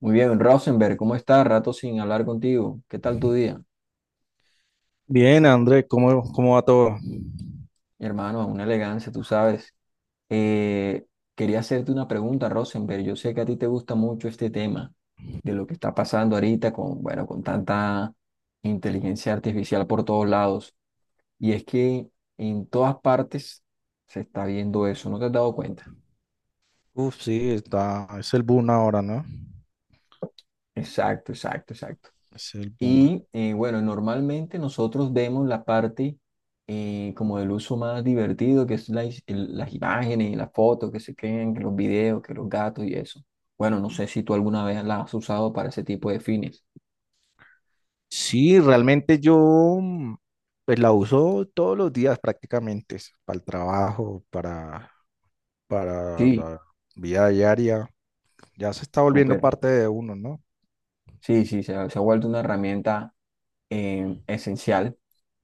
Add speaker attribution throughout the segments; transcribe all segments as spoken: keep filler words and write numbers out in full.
Speaker 1: Muy bien, Rosenberg, ¿cómo estás? Rato sin hablar contigo. ¿Qué tal tu día?
Speaker 2: Bien, Andrés, ¿cómo, cómo va todo?
Speaker 1: Mi hermano, una elegancia, tú sabes. Eh, quería hacerte una pregunta, Rosenberg. Yo sé que a ti te gusta mucho este tema de lo que está pasando ahorita con, bueno, con tanta inteligencia artificial por todos lados. Y es que en todas partes se está viendo eso, ¿no te has dado cuenta?
Speaker 2: Uf, sí, está, es el boom ahora, ¿no?
Speaker 1: Exacto, exacto, exacto.
Speaker 2: Es el boom.
Speaker 1: Y eh, bueno, normalmente nosotros vemos la parte eh, como del uso más divertido, que es la is- el- las imágenes, las fotos que se crean, que los videos, que los gatos y eso. Bueno, no sé si tú alguna vez la has usado para ese tipo de fines.
Speaker 2: Sí, realmente yo mm, pues la uso todos los días prácticamente, es para el trabajo, para, para
Speaker 1: Sí,
Speaker 2: la vida diaria. Ya se está volviendo
Speaker 1: súper.
Speaker 2: parte de uno, ¿no?
Speaker 1: Sí, sí, se ha, se ha vuelto una herramienta eh, esencial.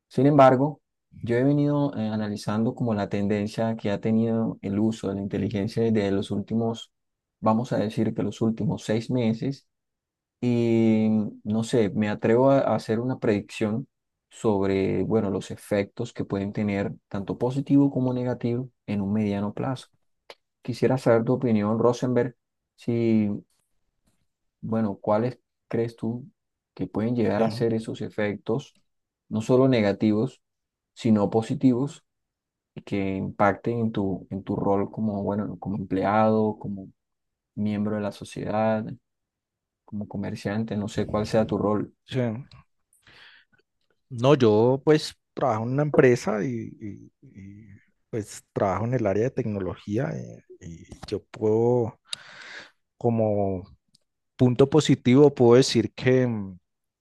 Speaker 1: Sin embargo, yo he venido eh, analizando como la tendencia que ha tenido el uso de la inteligencia desde los últimos, vamos a decir que los últimos seis meses. Y no sé, me atrevo a a hacer una predicción sobre, bueno, los efectos que pueden tener tanto positivo como negativo en un mediano plazo. Quisiera saber tu opinión, Rosenberg, si, bueno, cuáles crees tú que pueden llegar
Speaker 2: Sí,
Speaker 1: a ser esos efectos, no solo negativos, sino positivos, y que impacten en tu, en tu rol como, bueno, como empleado, como miembro de la sociedad, como comerciante, no sé cuál sea tu rol.
Speaker 2: sí. No, yo pues trabajo en una empresa y, y- y, pues trabajo en el área de tecnología eh, y yo puedo como punto positivo, puedo decir que, mm,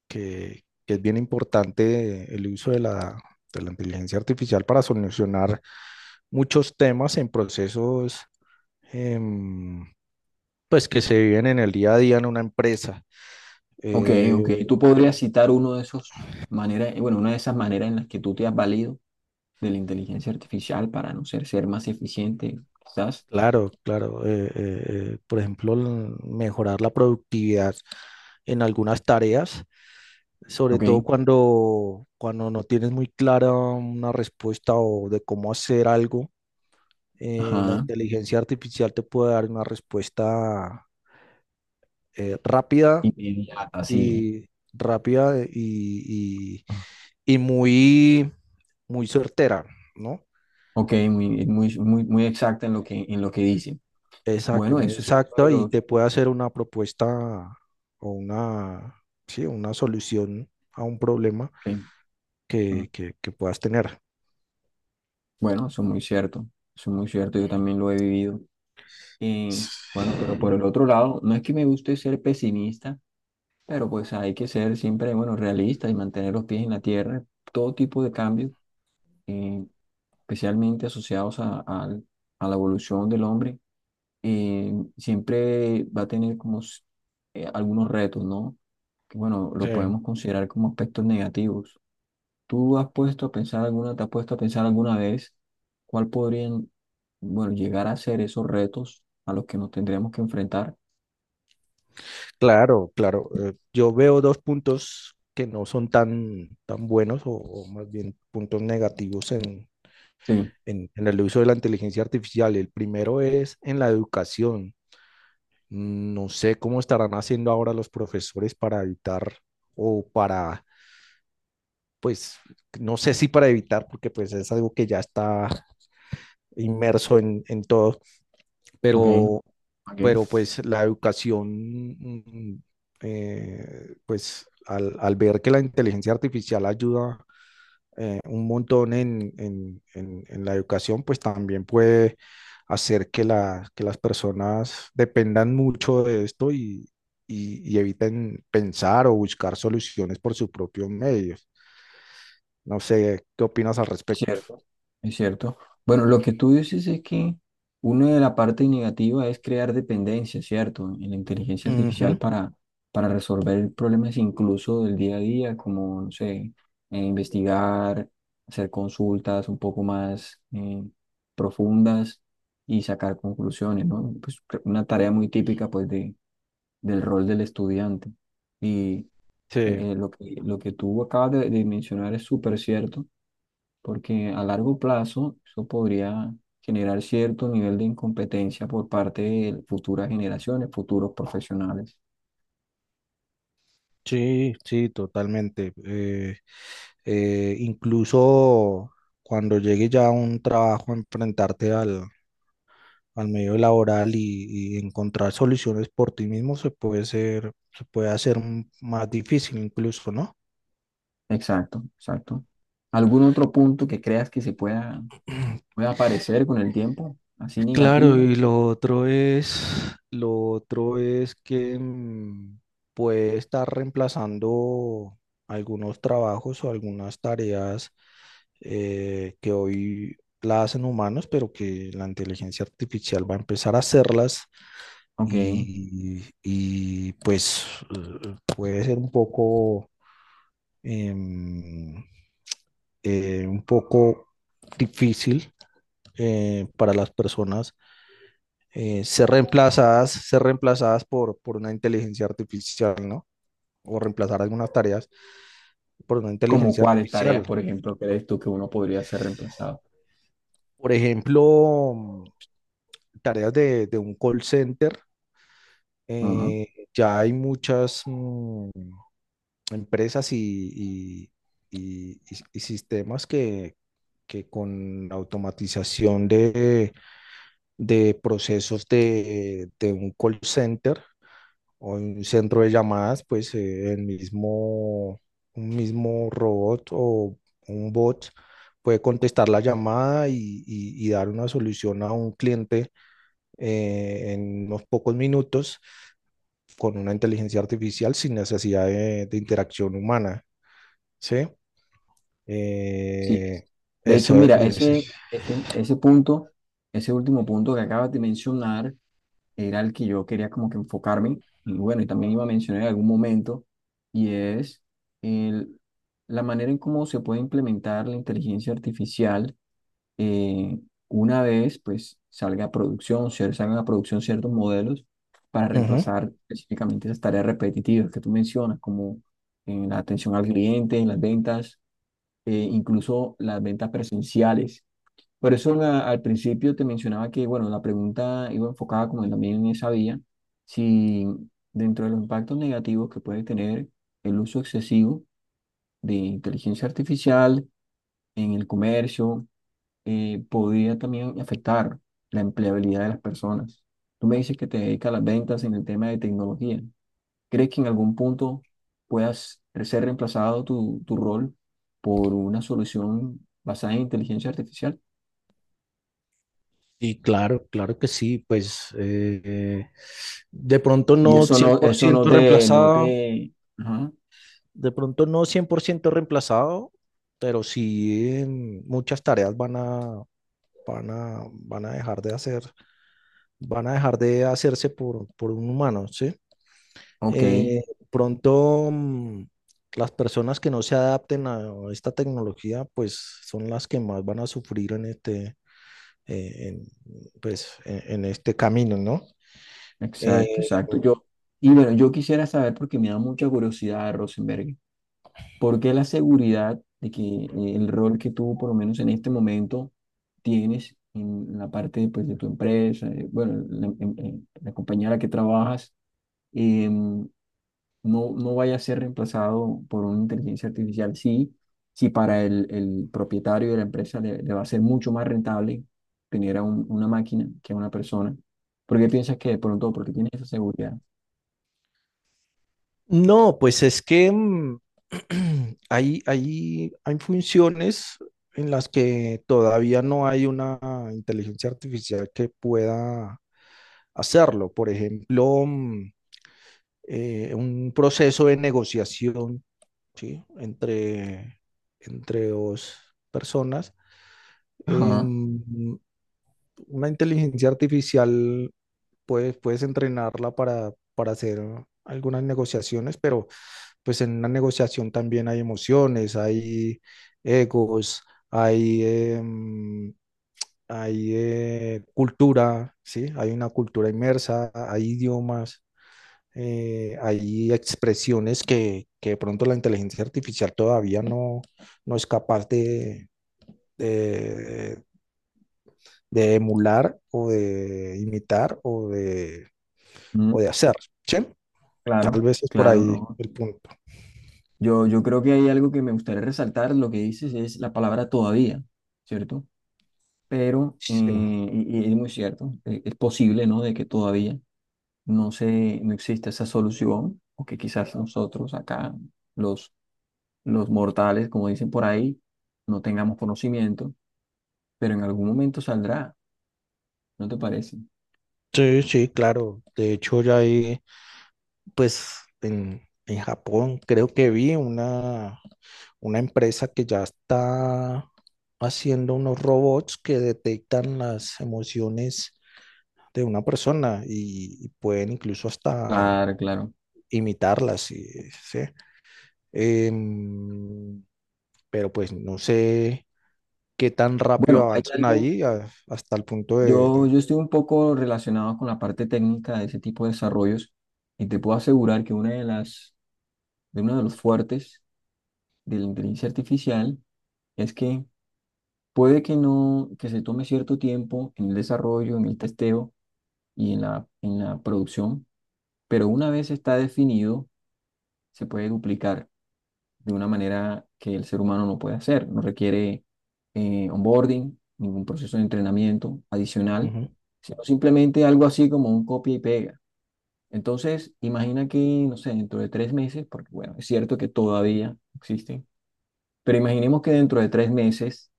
Speaker 2: que, que es bien importante el uso de la, de la inteligencia artificial para solucionar muchos temas en procesos em, pues que se viven en el día a día en una empresa.
Speaker 1: Ok,
Speaker 2: Eh,
Speaker 1: ok. ¿Tú podrías citar uno de esos maneras, eh, bueno, una de esas maneras en las que tú te has valido de la inteligencia artificial para no ser, ser más eficiente, quizás?
Speaker 2: claro, claro. Eh, eh, eh, por ejemplo, l- mejorar la productividad en algunas tareas, sobre
Speaker 1: Ok,
Speaker 2: todo cuando, cuando no tienes muy clara una respuesta o de cómo hacer algo. Eh, la
Speaker 1: ajá,
Speaker 2: inteligencia artificial te puede dar una respuesta eh, rápida
Speaker 1: inmediata, sí.
Speaker 2: y rápida y, y- y muy, muy certera, ¿no?
Speaker 1: Ok, muy, muy, muy, muy exacta en lo que, en lo que dice.
Speaker 2: Exacto,
Speaker 1: Bueno,
Speaker 2: muy
Speaker 1: eso es uno de
Speaker 2: exacta y
Speaker 1: los...
Speaker 2: te puede hacer una propuesta o una, sí, una solución a un problema
Speaker 1: Ok, mm,
Speaker 2: que, que, que puedas tener.
Speaker 1: bueno, eso es muy cierto, eso es muy cierto, yo también lo he vivido.
Speaker 2: Sí,
Speaker 1: Eh, bueno, pero por el otro lado, no es que me guste ser pesimista, pero pues hay que ser siempre, bueno, realistas y mantener los pies en la tierra. Todo tipo de cambios, eh, especialmente asociados a, al- a la evolución del hombre, eh, siempre va a tener como s- eh, algunos retos, ¿no? Que bueno, lo podemos considerar como aspectos negativos. ¿Tú has puesto a pensar alguna, te has puesto a pensar alguna vez cuál podrían, bueno, llegar a ser esos retos a los que nos tendríamos que enfrentar?
Speaker 2: claro, claro. Eh, yo veo dos puntos que no son tan, tan buenos o, o más bien puntos negativos en,
Speaker 1: Sí,
Speaker 2: en, en el uso de la inteligencia artificial. El primero es en la educación. No sé cómo estarán haciendo ahora los profesores para evitar o para, pues, no sé si para evitar, porque pues es algo que ya está inmerso en, en todo,
Speaker 1: ok,
Speaker 2: pero,
Speaker 1: ok.
Speaker 2: pero pues la educación, mm, eh, pues al, al ver que la inteligencia artificial ayuda eh, un montón en, en, en- en la educación, pues también puede hacer que, la- que las personas dependan mucho de esto y, y- y eviten pensar o buscar soluciones por sus propios medios. No sé, ¿qué opinas al respecto?
Speaker 1: Cierto, es cierto. Bueno, lo que tú dices es que una de la parte negativa es crear dependencia, ¿cierto? En la inteligencia artificial
Speaker 2: Ujú.
Speaker 1: para, para resolver problemas incluso del día a día, como, no sé, eh, investigar, hacer consultas un poco más eh, profundas y sacar conclusiones, ¿no? Pues cre- una tarea muy típica, pues, de, del rol del estudiante. Y
Speaker 2: Sí,
Speaker 1: eh, eh, lo que, lo que tú acabas de de mencionar es súper cierto porque a largo plazo eso podría generar cierto nivel de incompetencia por parte de futuras generaciones, futuros profesionales.
Speaker 2: sí, sí, totalmente. Eh, eh, incluso cuando llegue ya a un trabajo, enfrentarte al, al medio laboral y, y encontrar soluciones por ti mismo se puede ser, se puede hacer m- más difícil incluso, ¿no?
Speaker 1: Exacto, exacto. ¿Algún otro punto que creas que se pueda, pueda aparecer con el tiempo, así
Speaker 2: Claro,
Speaker 1: negativo?
Speaker 2: y lo otro es, lo otro es que mm, puede estar reemplazando algunos trabajos o algunas tareas eh, que hoy la hacen humanos, pero que la inteligencia artificial va a empezar a hacerlas,
Speaker 1: Ok.
Speaker 2: y, y pues eh, puede ser un poco eh, eh, un poco difícil eh, para las personas eh, ser reemplazadas, ser reemplazadas por, por una inteligencia artificial, ¿no? O reemplazar algunas tareas por una
Speaker 1: ¿Como
Speaker 2: inteligencia
Speaker 1: cuáles tareas,
Speaker 2: artificial.
Speaker 1: por ejemplo, crees tú que uno podría ser reemplazado?
Speaker 2: Por ejemplo, tareas de, de un call center.
Speaker 1: Ujú,
Speaker 2: eh, ya hay muchas mm, empresas y, y- y- y- y sistemas que, que con la automatización de, de procesos de, de un call center o un centro de llamadas, pues eh, el mismo, un mismo robot o un bot puede contestar la llamada y, y- y dar una solución a un cliente eh, en unos pocos minutos con una inteligencia artificial sin necesidad de, de interacción humana, ¿sí?
Speaker 1: sí. Es.
Speaker 2: Eh,
Speaker 1: De hecho,
Speaker 2: eso
Speaker 1: mira, ese,
Speaker 2: es.
Speaker 1: ese, ese punto, ese último punto que acabas de mencionar, era el que yo quería como que enfocarme, y bueno, y también iba a mencionar en algún momento, y es el, la manera en cómo se puede implementar la inteligencia artificial eh, una vez pues salga a producción, se salgan a producción ciertos modelos para
Speaker 2: Ujú.
Speaker 1: reemplazar específicamente esas tareas repetitivas que tú mencionas, como en la atención al cliente, en las ventas, eh, incluso las ventas presenciales. Por eso la- al principio te mencionaba que, bueno, la pregunta iba enfocada como también en esa vía, si dentro de los impactos negativos que puede tener el uso excesivo de inteligencia artificial en el comercio, eh, podría también afectar la empleabilidad de las personas. Tú me dices que te dedicas a las ventas en el tema de tecnología. ¿Crees que en algún punto puedas ser reemplazado tu, tu rol por una solución basada en inteligencia artificial?
Speaker 2: Y claro, claro que sí, pues eh, de pronto
Speaker 1: Y
Speaker 2: no
Speaker 1: eso
Speaker 2: cien
Speaker 1: no,
Speaker 2: por
Speaker 1: eso no
Speaker 2: ciento
Speaker 1: te, no
Speaker 2: reemplazado,
Speaker 1: te, ajá,
Speaker 2: de pronto no cien por ciento reemplazado, pero sí eh, muchas tareas van a, van a, van a dejar de hacer, van a dejar de hacerse por, por un humano, ¿sí?
Speaker 1: ok,
Speaker 2: Eh, Pronto mm, las personas que no se adapten a esta tecnología, pues son las que más van a sufrir en este, eh, en, pues, en, en este camino, ¿no? Eh,
Speaker 1: exacto, exacto. Yo, y bueno, yo quisiera saber, porque me da mucha curiosidad, Rosenberg, ¿por qué la seguridad de que eh, el rol que tú, por lo menos en este momento, tienes en la parte, pues, de tu empresa, eh, bueno, la, en- en la compañía en la que trabajas, em, no, no vaya a ser reemplazado por una inteligencia artificial. Sí, sí para el, el propietario de la empresa le, le va a ser mucho más rentable tener a un- una máquina que a una persona. ¿Por qué piensas que de pronto? Porque tienes esa seguridad.
Speaker 2: no, pues es que mm, hay, hay, hay funciones en las que todavía no hay una inteligencia artificial que pueda hacerlo. Por ejemplo, mm, eh, un proceso de negociación, ¿sí? Entre, entre dos personas.
Speaker 1: Ajá.
Speaker 2: em, una inteligencia artificial puedes, puedes entrenarla para, para hacer algunas negociaciones, pero pues en una negociación también hay emociones, hay egos, hay, em, hay eh, cultura, ¿sí? Hay una cultura inmersa, hay idiomas, eh, hay expresiones que, que de pronto la inteligencia artificial todavía no, no es capaz de, de, de emular o de imitar o de,
Speaker 1: Mm,
Speaker 2: o de hacer, ¿sí?
Speaker 1: claro,
Speaker 2: Tal vez es por
Speaker 1: claro,
Speaker 2: ahí
Speaker 1: no.
Speaker 2: el punto.
Speaker 1: Yo, yo creo que hay algo que me gustaría resaltar, lo que dices es la palabra todavía, ¿cierto? Pero,
Speaker 2: Sí,
Speaker 1: eh, y, y es muy cierto, eh, es posible, ¿no? De que todavía no se, no existe esa solución, o que quizás nosotros acá, los, los mortales, como dicen por ahí, no tengamos conocimiento, pero en algún momento saldrá, ¿no te parece?
Speaker 2: sí, sí, claro. De hecho, ya hay pues en, en Japón creo que vi una, una empresa que ya está haciendo unos robots que detectan las emociones de una persona y, y pueden incluso hasta
Speaker 1: Claro, claro.
Speaker 2: imitarlas. Y, ¿sí? Em, pero pues no sé qué tan rápido
Speaker 1: Bueno, hay
Speaker 2: avancen
Speaker 1: algo,
Speaker 2: ahí a- hasta el punto de...
Speaker 1: yo,
Speaker 2: de-
Speaker 1: yo estoy un poco relacionado con la parte técnica de ese tipo de desarrollos y te puedo asegurar que una de las, de uno de los fuertes de la inteligencia artificial es que puede que no, que se tome cierto tiempo en el desarrollo, en el testeo y en la, en la producción, pero una vez está definido, se puede duplicar de una manera que el ser humano no puede hacer. No requiere eh, onboarding, ningún proceso de entrenamiento adicional,
Speaker 2: Ujú.
Speaker 1: sino simplemente algo así como un copia y pega. Entonces, imagina que, no sé, dentro de tres meses, porque bueno, es cierto que todavía existen, pero imaginemos que dentro de tres meses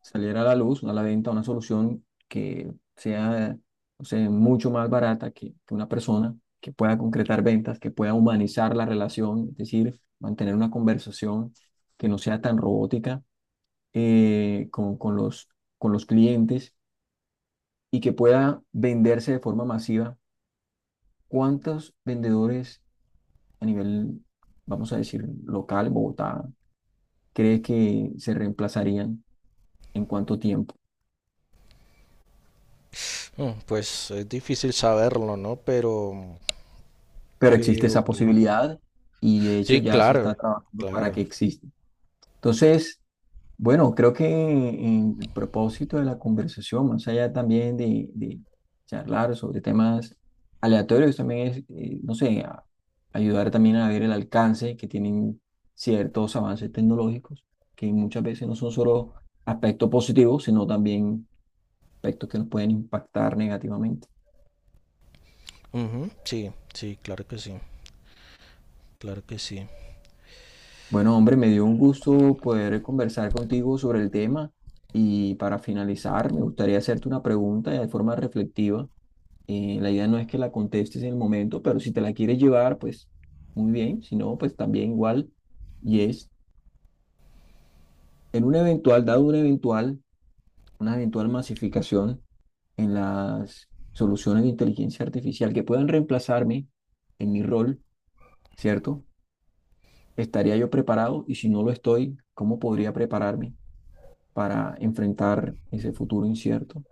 Speaker 1: saliera a la luz una venta, una solución que sea, o sea, mucho más barata que, que una persona, que pueda concretar ventas, que pueda humanizar la relación, es decir, mantener una conversación que no sea tan robótica eh, con, con los, con los clientes y que pueda venderse de forma masiva. ¿Cuántos vendedores a nivel, vamos a decir, local, Bogotá, crees que se reemplazarían en cuánto tiempo?
Speaker 2: Mm, pues es difícil saberlo, ¿no? Pero,
Speaker 1: Pero existe
Speaker 2: pero...
Speaker 1: esa posibilidad y de hecho
Speaker 2: Sí,
Speaker 1: ya se está
Speaker 2: claro,
Speaker 1: trabajando para
Speaker 2: claro.
Speaker 1: que exista. Entonces, bueno, creo que en el propósito de la conversación, más allá también de, de charlar sobre temas aleatorios, también es, eh, no sé, a- ayudar también a ver el alcance que tienen ciertos avances tecnológicos, que muchas veces no son solo aspectos positivos, sino también aspectos que nos pueden impactar negativamente.
Speaker 2: Ujú, sí, sí, claro que sí, claro que sí.
Speaker 1: Bueno, hombre, me dio un gusto poder conversar contigo sobre el tema y para finalizar me gustaría hacerte una pregunta de forma reflexiva. Eh, la idea no es que la contestes en el momento, pero si te la quieres llevar, pues muy bien, si no, pues también igual. Y es, en un eventual, dado un eventual, una eventual masificación en las soluciones de inteligencia artificial que puedan reemplazarme en mi rol, ¿cierto? ¿Estaría yo preparado? Y si no lo estoy, ¿cómo podría prepararme para enfrentar ese futuro incierto?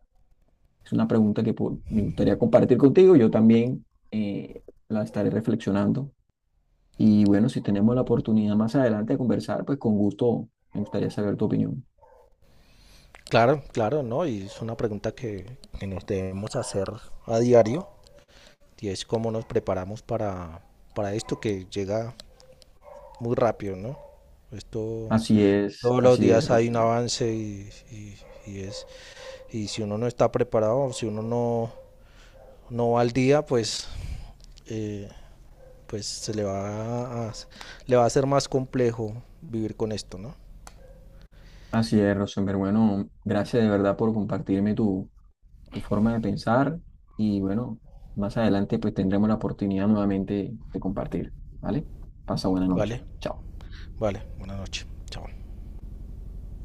Speaker 1: Es una pregunta que po- me gustaría compartir contigo. Yo también eh, la estaré reflexionando. Y bueno, si tenemos la oportunidad más adelante de conversar, pues con gusto me gustaría saber tu opinión.
Speaker 2: Claro, claro, ¿no? Y es una pregunta que, que nos debemos hacer a diario y es cómo nos preparamos para, para esto que llega muy rápido, ¿no? Esto,
Speaker 1: Así es,
Speaker 2: todos los
Speaker 1: así es,
Speaker 2: días hay un
Speaker 1: Rosenberg.
Speaker 2: avance y, y- y es, y si uno no está preparado, si uno no, no va al día, pues, eh, pues se le va a, le va a ser más complejo vivir con esto, ¿no?
Speaker 1: Así es, Rosenberg. Bueno, gracias de verdad por compartirme tu, tu forma de pensar. Y bueno, más adelante pues tendremos la oportunidad nuevamente de compartir. ¿Vale? Pasa buena noche.
Speaker 2: Vale,
Speaker 1: Chao.
Speaker 2: vale, buenas noches, chao.